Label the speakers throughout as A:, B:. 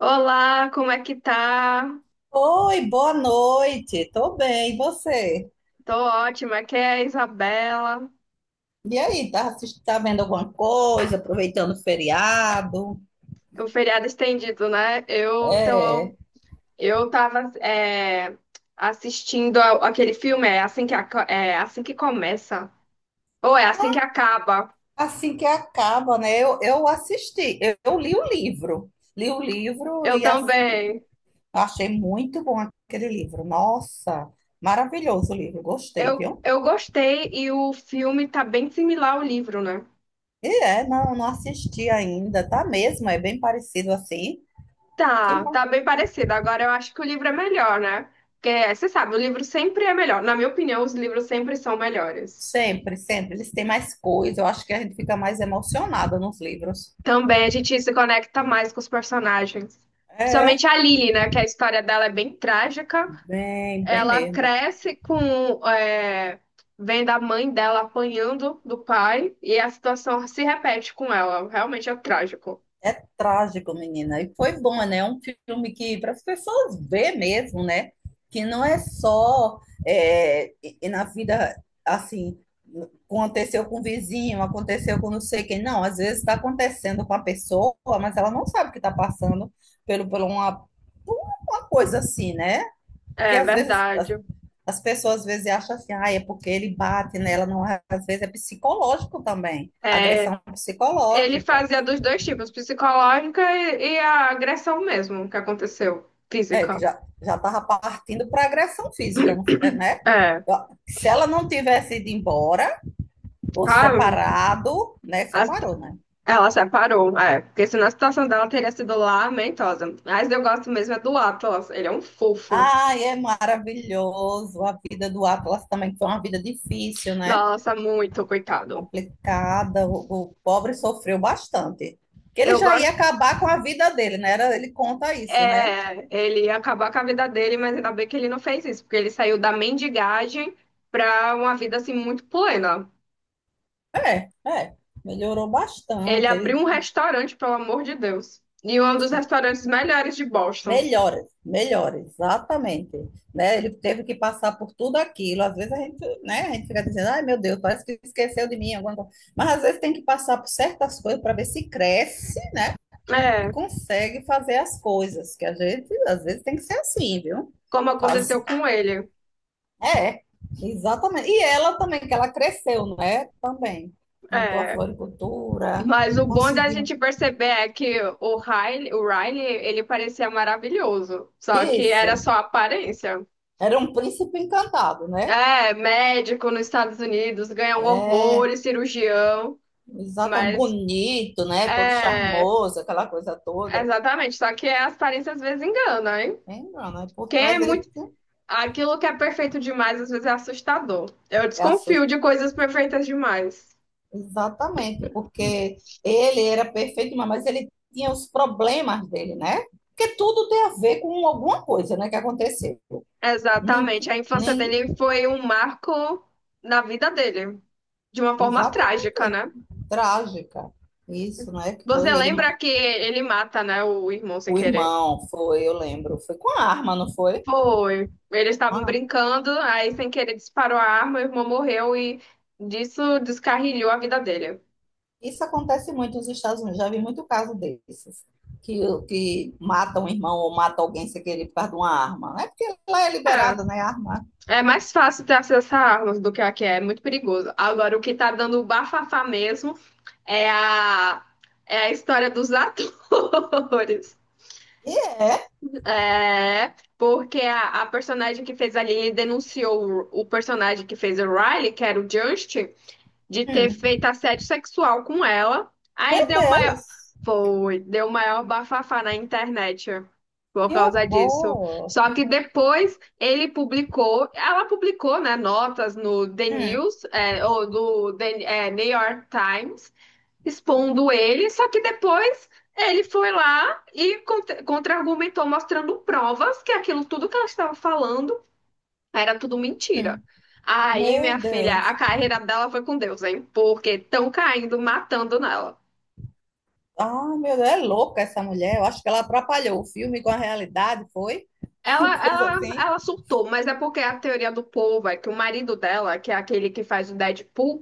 A: Olá, como é que tá?
B: Oi, boa noite. Tô bem, e você?
A: Tô ótima, aqui é a Isabela.
B: E aí, tá, tá vendo alguma coisa, aproveitando o feriado?
A: O feriado estendido, né?
B: É,
A: Eu tava assistindo aquele filme, é assim que, é assim que começa, ou é assim que acaba.
B: assim que acaba, né? Eu assisti, eu li o livro. Li o livro
A: Eu
B: e
A: também.
B: achei muito bom aquele livro. Nossa, maravilhoso o livro,
A: Eu,
B: gostei, viu?
A: eu gostei e o filme tá bem similar ao livro, né?
B: E é, não assisti ainda, tá mesmo? É bem parecido assim. Que
A: Tá,
B: bom.
A: tá bem parecido. Agora eu acho que o livro é melhor, né? Porque você sabe, o livro sempre é melhor. Na minha opinião, os livros sempre são melhores.
B: Sempre, sempre. Eles têm mais coisa, eu acho que a gente fica mais emocionada nos livros.
A: Também a gente se conecta mais com os personagens.
B: É,
A: Principalmente a Lily, né? Que a história dela é bem trágica.
B: bem, bem
A: Ela
B: mesmo.
A: cresce com vendo a mãe dela apanhando do pai. E a situação se repete com ela. Realmente é trágico.
B: Trágico, menina. E foi bom, né? É um filme que para as pessoas ver mesmo, né? Que não é só é, e na vida assim, aconteceu com o vizinho, aconteceu com não sei quem. Não, às vezes está acontecendo com a pessoa, mas ela não sabe que está passando pelo, por uma, por uma coisa assim, né? Porque
A: É
B: às vezes
A: verdade.
B: as pessoas às vezes acham assim, ah, é porque ele bate nela, não é, às vezes é psicológico também,
A: É,
B: agressão
A: ele
B: psicológica,
A: fazia dos dois tipos. Psicológica e a agressão mesmo que aconteceu.
B: é, que
A: Física.
B: já já estava partindo para agressão física, né?
A: É.
B: Se ela não tivesse ido embora, ou
A: Ah,
B: separado, né?
A: as-
B: Separou, né?
A: ela separou, é. Porque senão a situação dela teria sido lamentosa. Mas eu gosto mesmo é do Atlas. Ele é um fofo.
B: Ai, é maravilhoso a vida do Atlas também, foi uma vida difícil, né?
A: Nossa, muito, coitado.
B: Complicada, o pobre sofreu bastante. Que ele
A: Eu
B: já ia
A: gosto.
B: acabar com a vida dele, né? Era, ele conta isso, né?
A: É, ele acabou com a vida dele, mas ainda bem que ele não fez isso, porque ele saiu da mendigagem pra uma vida assim muito plena.
B: É, é, melhorou
A: Ele
B: bastante.
A: abriu
B: Ele
A: um restaurante, pelo amor de Deus. E um dos restaurantes melhores de Boston.
B: melhora, melhora, exatamente. Né? Ele teve que passar por tudo aquilo. Às vezes a gente, né, a gente fica dizendo, ai meu Deus, parece que esqueceu de mim alguma coisa. Mas às vezes tem que passar por certas coisas para ver se cresce e
A: É,
B: consegue fazer as coisas. Que a gente, às vezes, tem que ser assim, viu?
A: como
B: Faz...
A: aconteceu com ele.
B: É, exatamente. E ela também, que ela cresceu, né? Também. Montou a
A: É.
B: floricultura,
A: Mas o bom da
B: conseguiu.
A: gente perceber é que o Riley, ele parecia maravilhoso, só que era
B: Isso.
A: só aparência.
B: Era um príncipe encantado, né?
A: É, médico nos Estados Unidos, ganha um horror, cirurgião,
B: Exatamente,
A: mas
B: bonito, né? Todo
A: é,
B: charmoso, aquela coisa toda.
A: exatamente, só que as aparências às vezes enganam, hein?
B: Lembra, né? Por
A: Quem é
B: trás ele
A: muito,
B: tinha-
A: aquilo que é perfeito demais às vezes é assustador. Eu
B: é assust...
A: desconfio de coisas perfeitas demais.
B: Exatamente, porque ele era perfeito, mas ele tinha os problemas dele, né? Porque tudo tem a ver com alguma coisa, né, que aconteceu. Nem,
A: Exatamente, a infância
B: nem,
A: dele foi um marco na vida dele, de uma forma trágica,
B: exatamente,
A: né?
B: trágica. Isso, né? Que
A: Você
B: foi ele, ma-
A: lembra que ele mata, né, o irmão sem
B: o
A: querer?
B: irmão, foi, eu lembro, foi com a arma, não foi?
A: Foi. Eles estavam brincando, aí sem querer disparou a arma, o irmão morreu e disso descarrilhou a vida dele.
B: Isso acontece muito nos Estados Unidos, já vi muito caso desses, que, que matam um irmão ou matam alguém sem querer por causa de uma arma. Não é porque lá é liberado,
A: É,
B: né, a arma.
A: é mais fácil ter acesso a armas do que é muito perigoso. Agora, o que tá dando o bafafá mesmo é a, é a história dos atores.
B: E é.
A: É, porque a personagem que fez a Lily denunciou o personagem que fez o Riley, que era o Justin, de ter feito
B: Hum.
A: assédio sexual com ela. Aí
B: Meu
A: deu maior.
B: Deus,
A: Foi, deu maior bafafá na internet por
B: que
A: causa disso.
B: horror.
A: Só que depois ela publicou, né, notas no The
B: Hum,
A: News, ou do The, New York Times, expondo ele. Só que depois ele foi lá e contra-argumentou, mostrando provas que aquilo tudo que ela estava falando era tudo mentira.
B: hum.
A: Aí,
B: Meu
A: minha filha,
B: Deus.
A: a carreira dela foi com Deus, hein? Porque estão caindo, matando nela.
B: Ah, meu Deus, é louca essa mulher. Eu acho que ela atrapalhou o filme com a realidade, foi? Uma
A: Ela,
B: coisa
A: ela,
B: assim.
A: ela surtou, mas é porque a teoria do povo é que o marido dela, que é aquele que faz o Deadpool,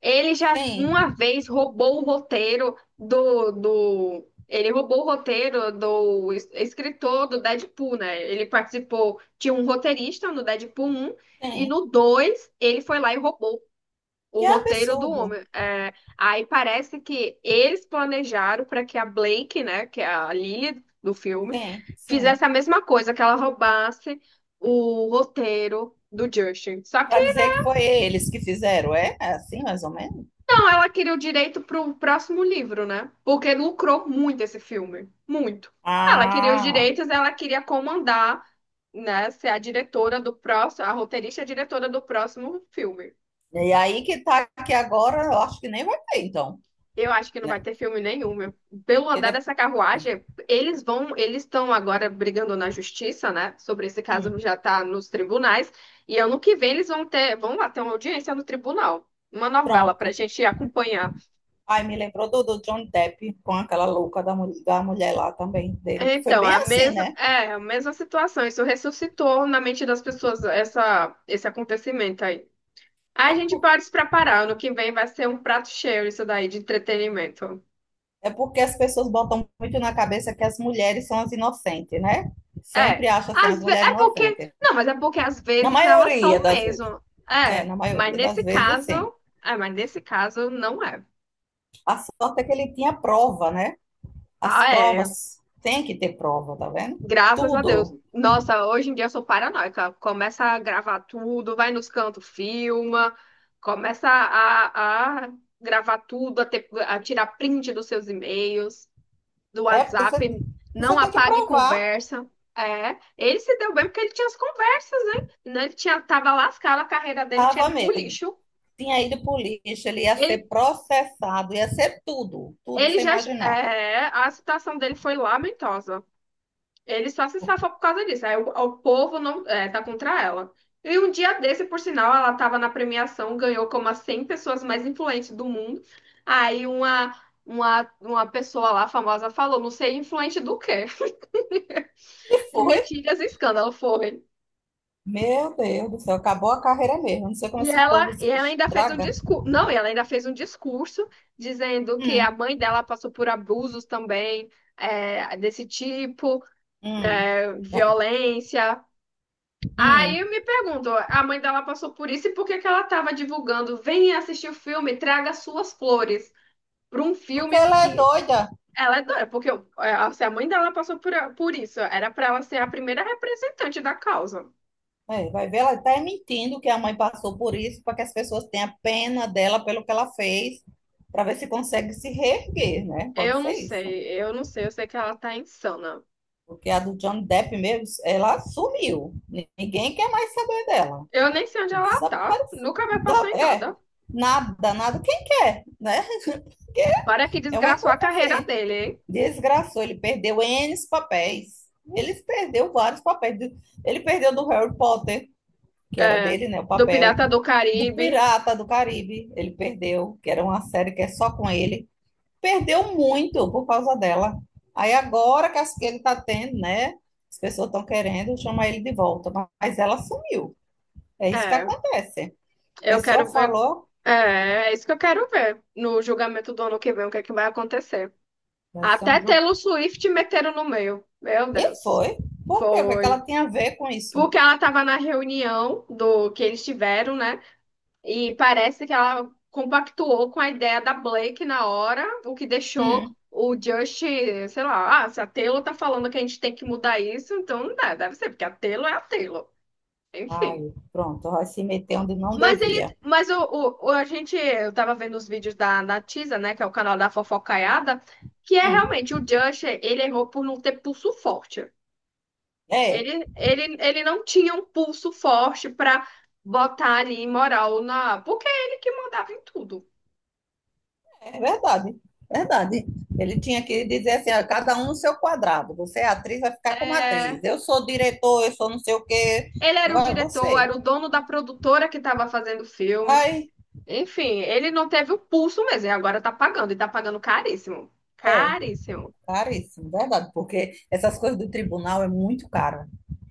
A: ele já
B: Sim,
A: uma vez roubou o roteiro. Ele roubou o roteiro do escritor do Deadpool, né? Ele participou, tinha um roteirista no Deadpool um e
B: sim.
A: no 2 ele foi lá e roubou o
B: Que
A: roteiro do
B: absurdo.
A: homem. É, aí parece que eles planejaram para que a Blake, né, que é a Lily do filme,
B: Sim,
A: fizesse
B: sim.
A: a mesma coisa, que ela roubasse o roteiro do Justin. Só que
B: Para dizer que foi eles que fizeram, é? É assim, mais ou menos?
A: não, ela queria o direito pro próximo livro, né? Porque lucrou muito esse filme, muito. Ela queria os
B: Ah,
A: direitos, ela queria comandar, né, ser a diretora do próximo, a roteirista e a diretora do próximo filme.
B: e aí que tá aqui agora, eu acho que nem vai ter, então,
A: Eu acho que não vai
B: né?
A: ter filme nenhum, meu. Pelo
B: Porque
A: andar
B: depois.
A: dessa carruagem, eles estão agora brigando na justiça, né? Sobre esse caso
B: Hum,
A: já tá nos tribunais. E ano que vem eles vão lá ter uma audiência no tribunal. Uma novela pra
B: pronto.
A: gente acompanhar.
B: Aí me lembrou do, do Johnny Depp com aquela da mulher lá também dele, que foi
A: Então,
B: bem
A: a
B: assim,
A: mesma,
B: né?
A: é, a mesma situação. Isso ressuscitou na mente das pessoas esse acontecimento aí. A gente pode se preparar. Ano que vem vai ser um prato cheio isso daí de entretenimento.
B: É porque as pessoas botam muito na cabeça que as mulheres são as inocentes, né?
A: É,
B: Sempre acham assim, as
A: às ve...
B: mulheres
A: é porque.
B: inocentes.
A: Não, mas é porque às
B: Na
A: vezes elas
B: maioria
A: são
B: das vezes.
A: mesmo.
B: É,
A: É,
B: na
A: mas
B: maioria das
A: nesse
B: vezes,
A: caso.
B: sim.
A: É, mas nesse caso não é.
B: A sorte é que ele tinha prova, né? As
A: Ah, é.
B: provas, tem que ter prova, tá vendo?
A: Graças a Deus.
B: Tudo.
A: Nossa, hoje em dia eu sou paranoica. Começa a gravar tudo, vai nos cantos, filma, começa a gravar tudo, a tirar print dos seus e-mails. Do
B: É, porque você,
A: WhatsApp,
B: você
A: não
B: tem que
A: apague
B: provar.
A: conversa. É, ele se deu bem porque ele tinha as conversas, né? Né, tava lascado, a carreira dele tinha
B: Tava
A: ido pro
B: mesmo.
A: lixo.
B: Tinha ido pro lixo, ele ia
A: Ele,
B: ser processado, ia ser tudo, tudo que
A: ele
B: você
A: já,
B: imaginar.
A: é, a situação dele foi lamentosa. Ele só se safou por causa disso. Aí o povo não, tá contra ela. E um dia desse, por sinal, ela tava na premiação, ganhou como as 100 pessoas mais influentes do mundo. Aí uma pessoa lá famosa falou, não sei influente do quê?
B: E
A: De
B: foi.
A: mentiras e escândalo, foi.
B: Meu Deus do céu, acabou a carreira mesmo. Não sei como
A: E
B: esse povo
A: ela, e
B: se
A: ela ainda fez um
B: estraga.
A: discurso, não, e ela ainda fez um discurso dizendo que a
B: Hum,
A: mãe dela passou por abusos também, desse tipo,
B: hum,
A: né,
B: É,
A: violência. Aí
B: hum.
A: eu me pergunto, a mãe dela passou por isso e por que que ela estava divulgando? Venha assistir o filme, traga suas flores para um
B: Porque
A: filme
B: ela é
A: que
B: doida.
A: ela é doida, porque se a mãe dela passou por isso, era para ela ser a primeira representante da causa.
B: É, vai ver, ela está mentindo que a mãe passou por isso, para que as pessoas tenham pena dela pelo que ela fez, para ver se consegue se reerguer, né? Pode
A: Eu não
B: ser isso.
A: sei, eu não sei, eu sei que ela tá insana.
B: Porque a do Johnny Depp mesmo, ela sumiu. Ninguém quer mais saber dela.
A: Eu nem sei onde ela tá.
B: Desapareceu.
A: Nunca me passou em
B: É,
A: nada.
B: nada, nada. Quem quer, né? Porque
A: Para que
B: é uma
A: desgraçou
B: coisa
A: a carreira
B: assim.
A: dele, hein?
B: Desgraçou, ele perdeu N papéis. Ele perdeu vários papéis. Ele perdeu do Harry Potter, que era
A: É.
B: dele, né? O
A: Do
B: papel.
A: Pirata do
B: Do
A: Caribe.
B: Pirata do Caribe, ele perdeu, que era uma série que é só com ele perdeu muito por causa dela. Aí agora que que ele está tendo, né? As pessoas estão querendo chamar ele de volta, mas ela sumiu. É isso que
A: É.
B: acontece. A
A: Eu
B: pessoa
A: quero ver.
B: falou,
A: É, isso que eu quero ver. No julgamento do ano que vem, o que é que vai acontecer.
B: vai ser um
A: Até
B: jogo.
A: Taylor Swift meteram no meio. Meu
B: E
A: Deus.
B: foi. Por quê? O que é que ela
A: Foi.
B: tinha a ver com isso?
A: Porque ela tava na reunião do que eles tiveram, né? E parece que ela compactuou com a ideia da Blake na hora, o que deixou
B: Hum.
A: o Just, sei lá, ah, se a Taylor tá falando que a gente tem que mudar isso, então não dá, deve ser, porque a Taylor é a Taylor. Enfim.
B: Ai, pronto, vai se meter onde não devia.
A: Eu tava vendo os vídeos da Natiza, né, que é o canal da Fofocaiada, que é
B: Hum.
A: realmente ele errou por não ter pulso forte.
B: É,
A: Ele não tinha um pulso forte pra botar ali moral na, porque é ele que mandava em tudo.
B: é verdade. Verdade. Ele tinha que dizer assim, ó, cada um no seu quadrado. Você é atriz, vai ficar como atriz.
A: É,
B: Eu sou diretor, eu sou não sei o quê.
A: ele era o
B: Vai
A: diretor,
B: você.
A: era o dono da produtora que estava fazendo o filme.
B: Ai,
A: Enfim, ele não teve o pulso mesmo, e agora tá pagando, e tá pagando caríssimo.
B: É,
A: Caríssimo.
B: caríssimo, verdade, porque essas coisas do tribunal é muito caro,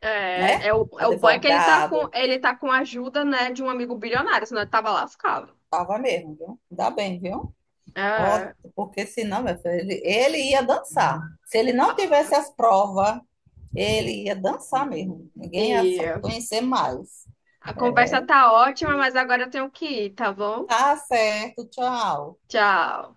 A: É,
B: né?
A: é o bom é que ele tá com,
B: Advogado,
A: ele tá com a ajuda, né, de um amigo bilionário, senão ele tava lascado.
B: tava mesmo, viu? Ainda bem, viu? Ó,
A: É.
B: porque senão, meu filho, ele ia dançar. Se ele não
A: Ah,
B: tivesse as provas, ele ia dançar mesmo. Ninguém ia
A: e
B: conhecer mais.
A: a conversa tá ótima, mas agora eu tenho que ir, tá bom?
B: Tá certo, tchau.
A: Tchau.